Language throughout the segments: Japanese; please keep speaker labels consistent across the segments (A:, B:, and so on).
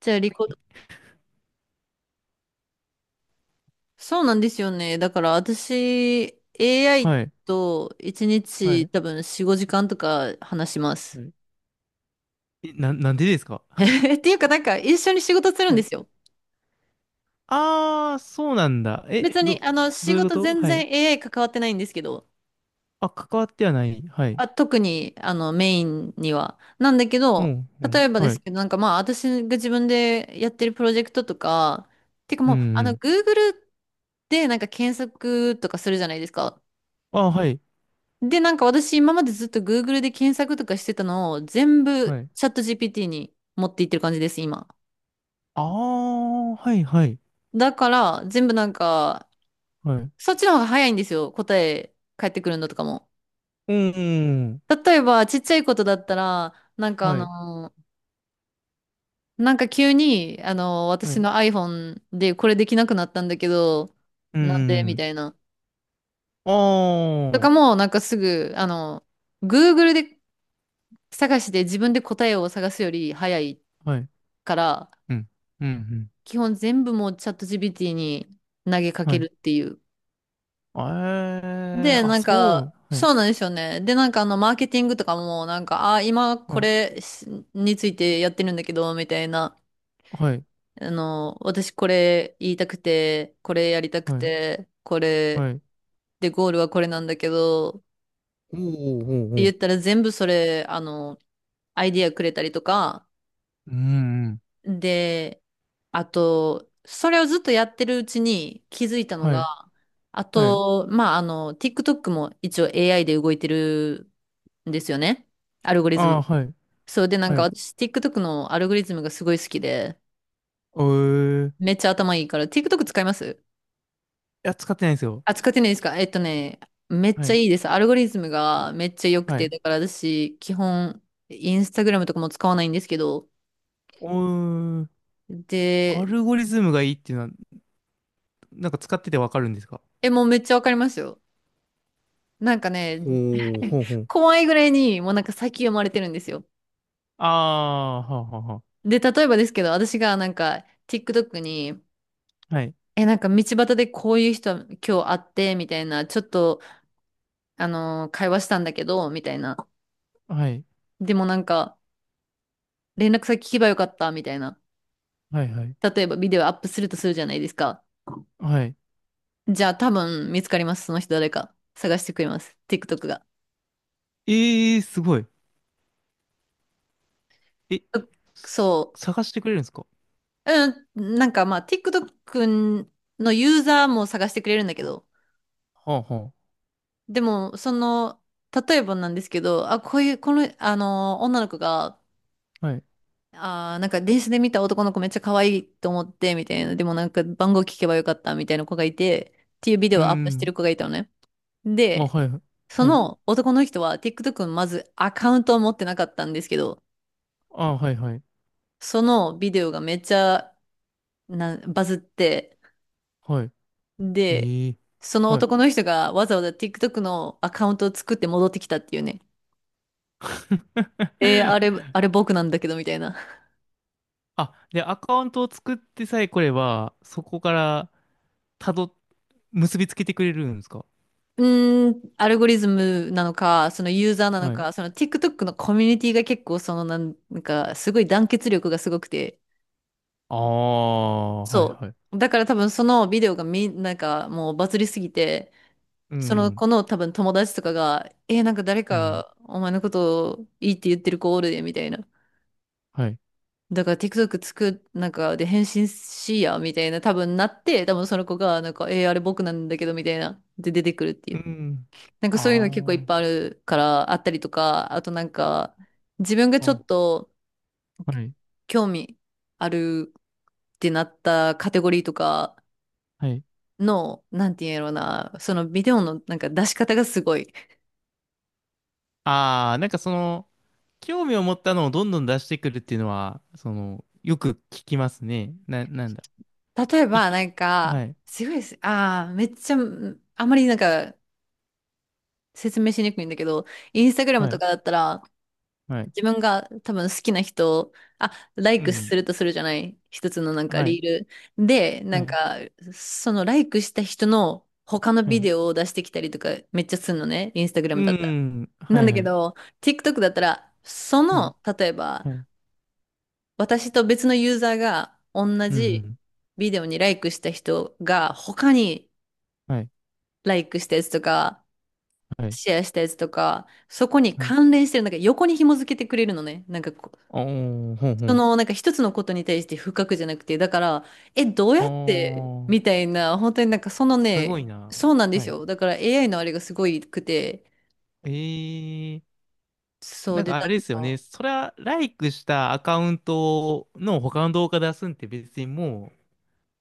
A: じゃあ、リコ、そうなんですよね。だから私、AI
B: はい。
A: と1
B: は
A: 日
B: い。
A: 多分4、5時間とか話しま
B: は
A: す。
B: い。なんでですか？
A: っていうか、なんか一緒に仕事するん
B: は
A: で
B: い。
A: すよ。
B: ああ、そうなんだ。
A: 別に、
B: ど
A: 仕
B: ういうこ
A: 事
B: と？
A: 全
B: はい。
A: 然 AI 関わってないんですけど、
B: あ、関わってはない。はい。
A: あ、特に、メインには。なんだけ
B: う
A: ど、
B: ん、う
A: 例
B: ん。
A: えばで
B: は
A: す
B: い。
A: けど、なんかまあ、私が自分でやってるプロジェクトとか、てか
B: うん、
A: もう、
B: うん。
A: Google でなんか検索とかするじゃないですか。
B: あ、はい。
A: で、なんか私今までずっと Google で検索とかしてたのを全
B: は
A: 部
B: い。
A: チャット GPT に持っていってる感じです、今。
B: ああ、はい、はい。
A: だから全部なんか、
B: はい。
A: そっちの方が早いんですよ、答え返ってくるのとかも。
B: うん、うん。
A: 例えばちっちゃいことだったら、
B: はい。
A: なんか急に、
B: は
A: 私
B: い。
A: の iPhone でこれできなくなったんだけど、
B: う
A: なんでみ
B: ん。
A: たいな。
B: あ
A: と
B: あ、
A: かも、なんかすぐ、Google で探して自分で答えを探すより早い
B: はい。
A: から、
B: うん。うん、うん。
A: 基本全部もうチャット GPT に投げか
B: は
A: け
B: い。
A: るっていう。
B: え
A: で、
B: ー、あ、
A: なん
B: そう。
A: か、
B: はい。
A: そうなんですよね。で、マーケティングとかも、なんか、あ、今
B: は
A: こ
B: い。
A: れしについてやってるんだけど、みたいな。
B: はい。
A: 私これ言いたくて、これやりたく
B: はい。
A: て、これ、
B: はい。
A: で、ゴールはこれなんだけど、っ
B: おーおー。お
A: て
B: ーお
A: 言った
B: ー。
A: ら全部それ、アイディアくれたりとか、
B: うん、うん。
A: で、あと、それをずっとやってるうちに気づいたの
B: は
A: が、
B: い。
A: あ
B: はい。
A: と、まあ、TikTok も一応 AI で動いてるんですよね。アルゴリズ
B: あ
A: ム。
B: あ、はい。
A: そうで、なん
B: は
A: か
B: い。
A: 私、TikTok のアルゴリズムがすごい好きで、
B: おー。い
A: めっちゃ頭いいから、TikTok 使います。
B: や、使ってないんですよ。
A: あ、使ってないですか？ね、めっ
B: は
A: ちゃ
B: い。
A: いいです。アルゴリズムがめっちゃ良く
B: は
A: て、
B: い。
A: だから私、基本、インスタグラムとかも使わないんですけど、
B: おー。ア
A: で、
B: ルゴリズムがいいっていうのは、なんか使っててわかるんですか？
A: え、もうめっちゃわかりますよ。なんかね、
B: ほう、ほうほう。
A: 怖いぐらいにもうなんか先読まれてるんですよ。
B: ああ、はあはあは
A: で、例えばですけど、私がなんか TikTok に、
B: あ。はい。
A: え、なんか道端でこういう人今日会ってみたいな、ちょっと、会話したんだけど、みたいな。
B: はい。
A: でもなんか、連絡先聞けばよかったみたいな。
B: はい、はい。
A: 例えばビデオアップするとするじゃないですか。
B: はい。
A: じゃあ多分見つかります。その人誰か。探してくれます。TikTok が。
B: ええー、すごい。え、す
A: そ
B: 探してくれるんですか？
A: う。うん、なんかまあ TikTok のユーザーも探してくれるんだけど、
B: はあは
A: でも、その、例えばなんですけど、あ、こういう、この、あの、女の子が、
B: あ。はい。
A: なんか電車で見た男の子めっちゃ可愛いと思って、みたいな、でもなんか番号聞けばよかった、みたいな子がいて、っていうビデ
B: う
A: オをアップしてる
B: ん。
A: 子がいたのね。
B: あ、
A: で、
B: はい。
A: そ
B: はい。
A: の男の人は TikTok のまずアカウントを持ってなかったんですけど、
B: あ、はい、はい。
A: そのビデオがめっちゃなバズって、
B: はい。
A: で、
B: ええー。
A: その
B: はい。
A: 男の人がわざわざ TikTok のアカウントを作って戻ってきたっていうね。あれ、あれ僕なんだけど、みたいな。
B: あ、で、アカウントを作ってさえ来れば、そこから、たど、結びつけてくれるんですか？
A: うーん、アルゴリズムなのか、そのユーザーなの
B: はい。
A: か、その TikTok のコミュニティが結構そのなんかすごい団結力がすごくて、
B: ああ、はい
A: そ
B: はい。
A: う。だから多分そのビデオがなんかもうバズりすぎて、
B: う
A: その
B: ん、
A: 子の多分友達とかが、なんか誰
B: うん、
A: かお前のことをいいって言ってる子おるで、みたいな。
B: はい。
A: だから TikTok なんかで返信しいや、みたいな多分なって、多分その子が、なんか、あれ僕なんだけど、みたいな。で出てくるってい
B: う
A: う。
B: ん。
A: なんかそういうの結構いっ
B: あ
A: ぱいあるから、あったりとか、あとなんか、自分が
B: あ、う
A: ちょっ
B: ん、
A: と
B: はい。
A: 興味あるってなったカテゴリーとか
B: はい。
A: の、なんて言うんやろうな、そのビデオのなんか出し方がすごい。
B: あああ、はいはい。ああ、なんかその、興味を持ったのをどんどん出してくるっていうのは、その、よく聞きますね。なんだ。
A: 例え
B: い、
A: ばなん
B: は
A: か、
B: い、
A: すごいです。ああ、めっちゃ、あんまりなんか説明しにくいんだけど、インスタグラム
B: は
A: と
B: い。
A: かだったら、
B: はい。
A: 自分が多分好きな人を、あ、ライ
B: う
A: クす
B: ん、
A: るとするじゃない。一つのなんか
B: はい。
A: リール。で、な
B: は
A: ん
B: い。
A: か、そのライクした人の他の
B: は
A: ビ
B: い。
A: デオを出してきたりとかめっちゃするのね。インスタグラ
B: う
A: ムだったら。
B: ん、
A: な
B: は
A: ん
B: い
A: だ
B: は
A: け
B: い、
A: ど、TikTok だったら、そ
B: はい。
A: の、例えば、
B: はい。
A: 私と別のユーザーが同
B: う
A: じ
B: ん、
A: ビデオにライクした人が他に
B: はい。
A: ライクしたやつとか、
B: はい。
A: シェアしたやつとか、そこに
B: はい。
A: 関連してる、なんか横に紐付けてくれるのね。なんかこ
B: おー、ほんほ
A: そ
B: ん。
A: の、なんか一つのことに対して深くじゃなくて、だから、え、どうや
B: あ
A: って、みた
B: あ、
A: いな、本当になんかその
B: すごい
A: ね、
B: な。
A: そうなんで
B: は
A: す
B: い。
A: よ。だから AI のあれがすごいくて、
B: えー、
A: そ
B: な
A: う
B: ん
A: で、
B: かあ
A: な
B: れ
A: ん
B: ですよね。
A: か、
B: それは、ライクしたアカウントの他の動画出すんって別にもう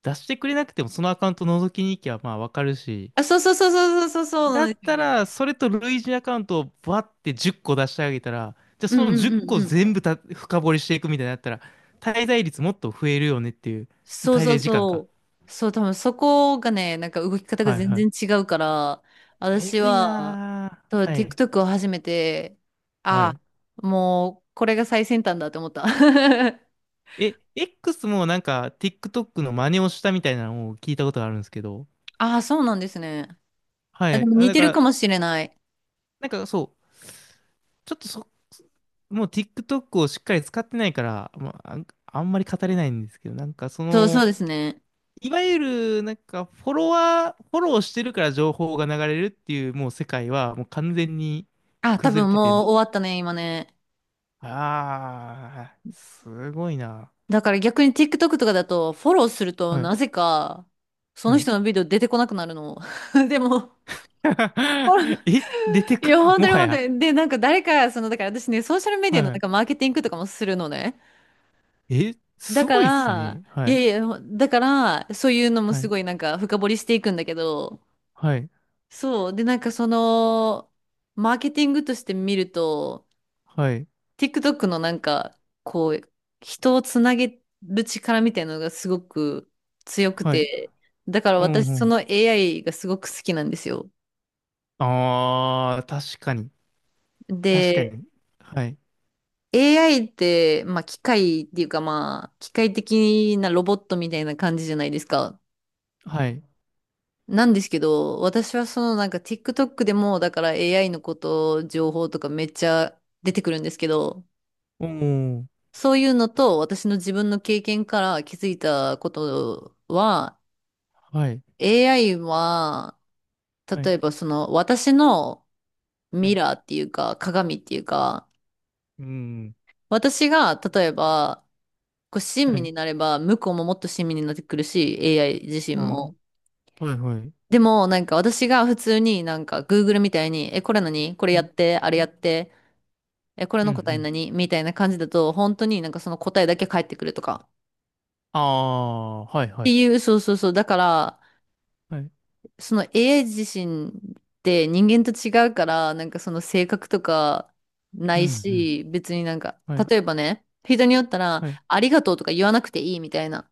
B: 出してくれなくても、そのアカウント覗きに行きゃまあわかるし。
A: あ、そうそうそうそうそうそうそう
B: だ
A: なん
B: っ
A: ですよ
B: たら、
A: ね。
B: それと類似アカウントをバって10個出してあげたら、じゃあ
A: うん
B: その
A: うん
B: 10
A: うん
B: 個
A: うん。
B: 全部深掘りしていくみたいになったら、滞在率もっと増えるよねっていう、
A: そう
B: 滞
A: そう
B: 在時間か。
A: そう。そう、多分そこがね、なんか動き方が
B: はい
A: 全
B: は
A: 然
B: い。
A: 違うから、
B: え
A: 私
B: ぐい
A: は、
B: な
A: そう
B: ー。はい。
A: TikTok を始めて、
B: は
A: あ、
B: い。
A: もう、これが最先端だと思った。
B: え、X もなんか TikTok の真似をしたみたいなのを聞いたことがあるんですけど。
A: ああ、そうなんですね。
B: は
A: あ、で
B: い。
A: も
B: あ、
A: 似
B: だ
A: て
B: か
A: る
B: ら、
A: かもしれない。
B: なんかそう、ちょっとそ、もう TikTok をしっかり使ってないから、まあ、あんまり語れないんですけど、なんかそ
A: そう、そう
B: の、
A: ですね。
B: いわゆるなんかフォロワー、フォローしてるから情報が流れるっていうもう世界はもう完全に
A: あ、多
B: 崩れ
A: 分
B: てて、
A: もう終わったね、今ね。
B: ああ、すごいな。
A: だから逆に TikTok とかだと、フォローすると
B: はい、
A: なぜか、その
B: はい。
A: 人のビデオ出てこなくなるの。でも、
B: え、出て
A: い
B: く、
A: や、本当
B: も
A: に
B: は
A: 本当
B: や。
A: に。で、なんか誰か、その、だから私ね、ソーシャルメデ
B: は
A: ィアのなんか
B: い。
A: マーケティングとかもするのね。
B: え、
A: だ
B: す
A: か
B: ごいっす
A: ら、
B: ね。
A: い
B: は
A: や
B: い。
A: いや、だから、そういうのも
B: は
A: す
B: い。
A: ごいなんか深掘りしていくんだけど、
B: はい。
A: そう。で、なんかその、マーケティングとして見ると、
B: はい。
A: TikTok のなんか、こう、人をつなげる力みたいなのがすごく強く
B: はい。
A: て、だから
B: うん、
A: 私
B: う
A: そ
B: ん。
A: の AI がすごく好きなんですよ。
B: ああ、確かに。確か
A: で、
B: に。はい。
A: AI って、まあ機械っていうかまあ、機械的なロボットみたいな感じじゃないですか。
B: はい。
A: なんですけど、私はそのなんか TikTok でもだから AI のこと、情報とかめっちゃ出てくるんですけど、
B: おー。
A: そういうのと私の自分の経験から気づいたことは、
B: はい。
A: AI は、
B: は
A: 例
B: い。
A: えばその私の
B: は
A: ミ
B: い。
A: ラーっていうか鏡っていうか、
B: うん。
A: 私が例えば、こう親
B: は
A: 身
B: い。
A: になれば向こうももっと親身になってくるし、AI 自身も。
B: あー、はい。はい。
A: でもなんか私が普通になんか Google みたいに、え、これ何これ
B: は
A: やっ
B: い。
A: て、あれやって、え、これの答え
B: う
A: 何みたいな感じだと、本当になんかその答えだけ返ってくるとか。っ
B: ん、うん。ああ、はい。は
A: て
B: い。
A: いう、そうそうそう。だから、
B: はい。
A: その AI 自身って人間と違うから、なんかその性格とかな
B: うん、
A: い
B: うん。
A: し、別になんか、
B: はい。
A: 例えばね、人によったら、
B: はい。
A: ありがとうとか言わなくていいみたいな、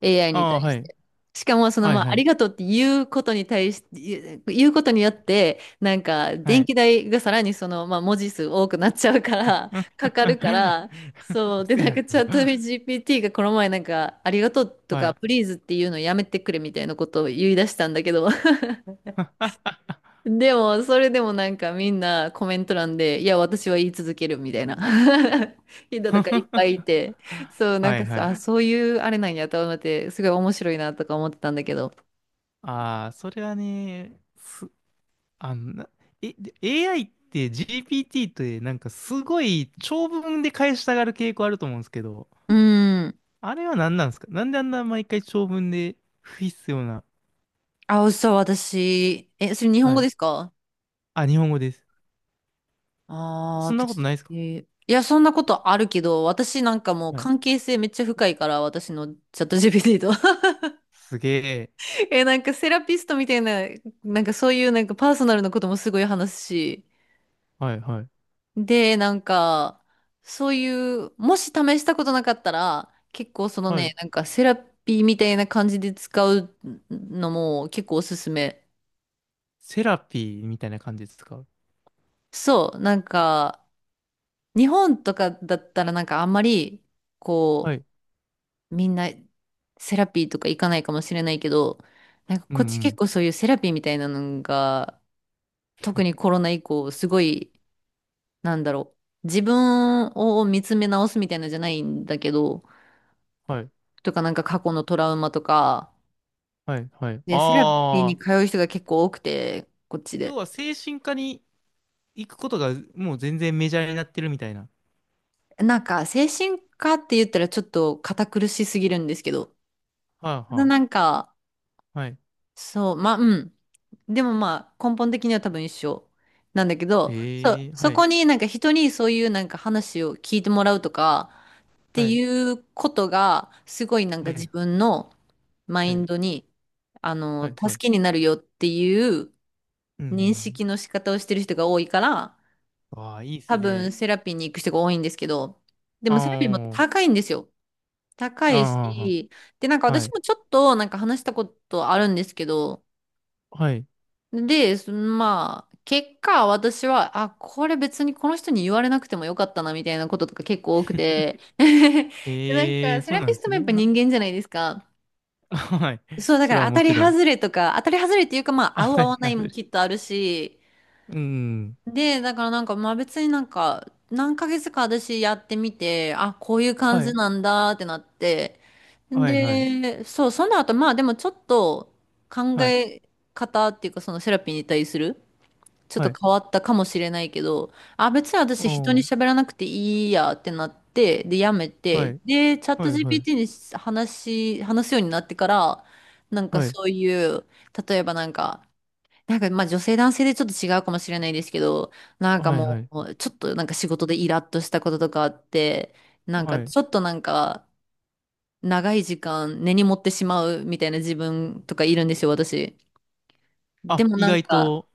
A: AI
B: あ
A: に
B: あ、
A: 対
B: は
A: し
B: い。
A: て。しかも、その、
B: はい。
A: まあ、
B: は
A: あり
B: い。
A: がとうって言うことに対して、言うことによって、なんか、
B: は
A: 電
B: い。
A: 気代がさらにその、まあ、文字数多くなっちゃうか ら、
B: う
A: かかるか
B: ん。
A: ら、そう。で、
B: 嘘
A: なん
B: や
A: か、チャ
B: ろ。
A: ット GPT がこの前、なんか、ありがとうと
B: は
A: か、
B: い。
A: プリーズっていうのやめてくれみたいなことを言い出したんだけど、でも、それでもなんかみんなコメント欄で、いや、私は言い続けるみたいな 人とかいっぱいいて、そう、なん
B: は
A: か
B: いは
A: さ、
B: い。
A: あ、そういうあれなんやと思って、すごい面白いなとか思ってたんだけど。
B: ああ、それはね、すあの、なえ、で AI って GPT ってなんかすごい長文で返したがる傾向あると思うんですけど、
A: うん。
B: あれは何なんですか？なんであんな毎回長文で不必要な。
A: あ、そう私。え、それ日本
B: は
A: 語
B: い。
A: ですか？
B: あ、日本語です。そんなこと
A: 私。
B: ないですか？
A: いや、そんなことあるけど、私なんかもう
B: はい。
A: 関係性めっちゃ深いから、私のチャット GPT と。
B: すげえ。
A: え、なんかセラピストみたいな、なんかそういうなんかパーソナルなこともすごい話すし、
B: はいはい。
A: で、なんか、そういう、もし試したことなかったら、結構その
B: はい。
A: ね、なんかセラピーみたいな感じで使うのも結構おすすめ。
B: セラピーみたいな感じですか？
A: そう、なんか、日本とかだったらなんかあんまり、
B: は
A: こ
B: い。
A: う、みんなセラピーとか行かないかもしれないけど、なんか
B: うんう
A: こっち結
B: ん。
A: 構そういうセラピーみたいなのが、特にコロナ以降、すごい、なんだろう、自分を見つめ直すみたいなのじゃないんだけど、
B: はい。
A: とかなんか過去のトラウマとか、
B: はいはい。
A: で、セラピー
B: あ
A: に
B: あ。
A: 通う人が結構多くて、こっち
B: 要
A: で。
B: は精神科に行くことがもう全然メジャーになってるみたいな。
A: なんか精神科って言ったらちょっと堅苦しすぎるんですけど、
B: は
A: た
B: い
A: だ
B: はい。
A: なんか、
B: はい。
A: そう、まあ、うん。でもまあ根本的には多分一緒なんだけど、そ
B: え
A: う、
B: え、
A: そ
B: はい。
A: こになんか人にそういうなんか話を聞いてもらうとかって
B: はい。
A: いうことがすごいなん
B: は
A: か自
B: い
A: 分のマ
B: は
A: イン
B: い、
A: ドにあの
B: はい、はい。
A: 助けになるよっていう
B: う
A: 認
B: ん。
A: 識の仕方をしてる人が多いから、
B: ああ、いいです
A: 多分
B: ね。
A: セラピーに行く人が多いんですけど、でもセラピーも
B: あ
A: 高いんですよ。高
B: あ、
A: い
B: あ
A: し、で、なんか
B: あ、は
A: 私
B: い、
A: もちょっとなんか話したことあるんですけど、
B: はい。
A: で、そまあ、結果私は、あ、これ別にこの人に言われなくてもよかったなみたいなこととか結構多く て、で、なん
B: ええ
A: か
B: ー、
A: セ
B: そう
A: ラ
B: なん
A: ピ
B: で
A: スト
B: す
A: もやっ
B: ね。
A: ぱ人間じゃないですか。
B: はい。
A: そう、だか
B: それ
A: ら
B: は
A: 当
B: も
A: たり
B: ちろん。
A: 外れとか、当たり外れっていうかま あ、合
B: あ、
A: う合
B: たり
A: わない
B: 外
A: も
B: れ。
A: きっとあるし、
B: うん。
A: で、だからなんか、まあ別になんか、何ヶ月か私やってみて、あ、こういう感
B: は
A: じ
B: い、
A: なんだってなって、
B: はい、はい、
A: で、そう、その後、まあでもちょっと考
B: はい、
A: え方っていうか、そのセラピーに対する、ちょっ
B: は
A: と
B: い。
A: 変わったかもしれないけど、あ、別に私人に
B: おー、
A: 喋らなくていいやってなって、で、やめ
B: は
A: て、
B: い、
A: で、チャッ
B: は
A: ト
B: い、はい、
A: GPT に話話すようになってから、なんか
B: はい、
A: そういう、例えばなんか、なんか、まあ女性男性でちょっと違うかもしれないですけど、なんか
B: はい、は
A: も
B: い、
A: う、ちょっとなんか仕事でイラッとしたこととかあって、なんか
B: はい。
A: ちょっとなんか、長い時間根に持ってしまうみたいな自分とかいるんですよ、私。で
B: あ、
A: も
B: 意
A: なん
B: 外
A: か、
B: と、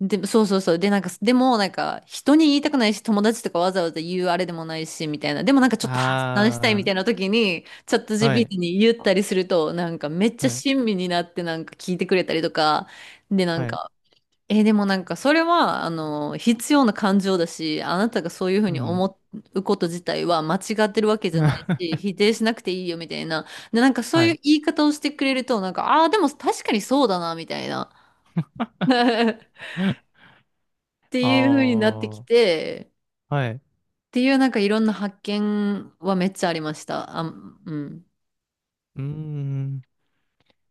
A: で、そうそうそう。で、なんか、でもなんか、人に言いたくないし、友達とかわざわざ言うあれでもないし、みたいな。でもなんかちょっと発散したいみ
B: あ
A: たいな時に、チャット
B: あ、はい、
A: GPT に言ったりすると、なんかめっちゃ
B: はい、
A: 親身になってなんか聞いてくれたりとか、で、なん
B: はい、
A: か、でもなんかそれは、あの、必要な感情だし、あなたがそういうふう
B: う
A: に
B: ん。
A: 思うこと自体は間違ってるわけじゃないし、否 定しなくていいよみたいな。で、なんかそう
B: は
A: いう
B: い。
A: 言い方をしてくれると、なんか、ああ、でも確かにそうだな、みたいな。っ て
B: あ
A: いうふうになってき
B: あ、
A: て、
B: はい。う
A: っていうなんかいろんな発見はめっちゃありました。あ、うん。
B: ーん。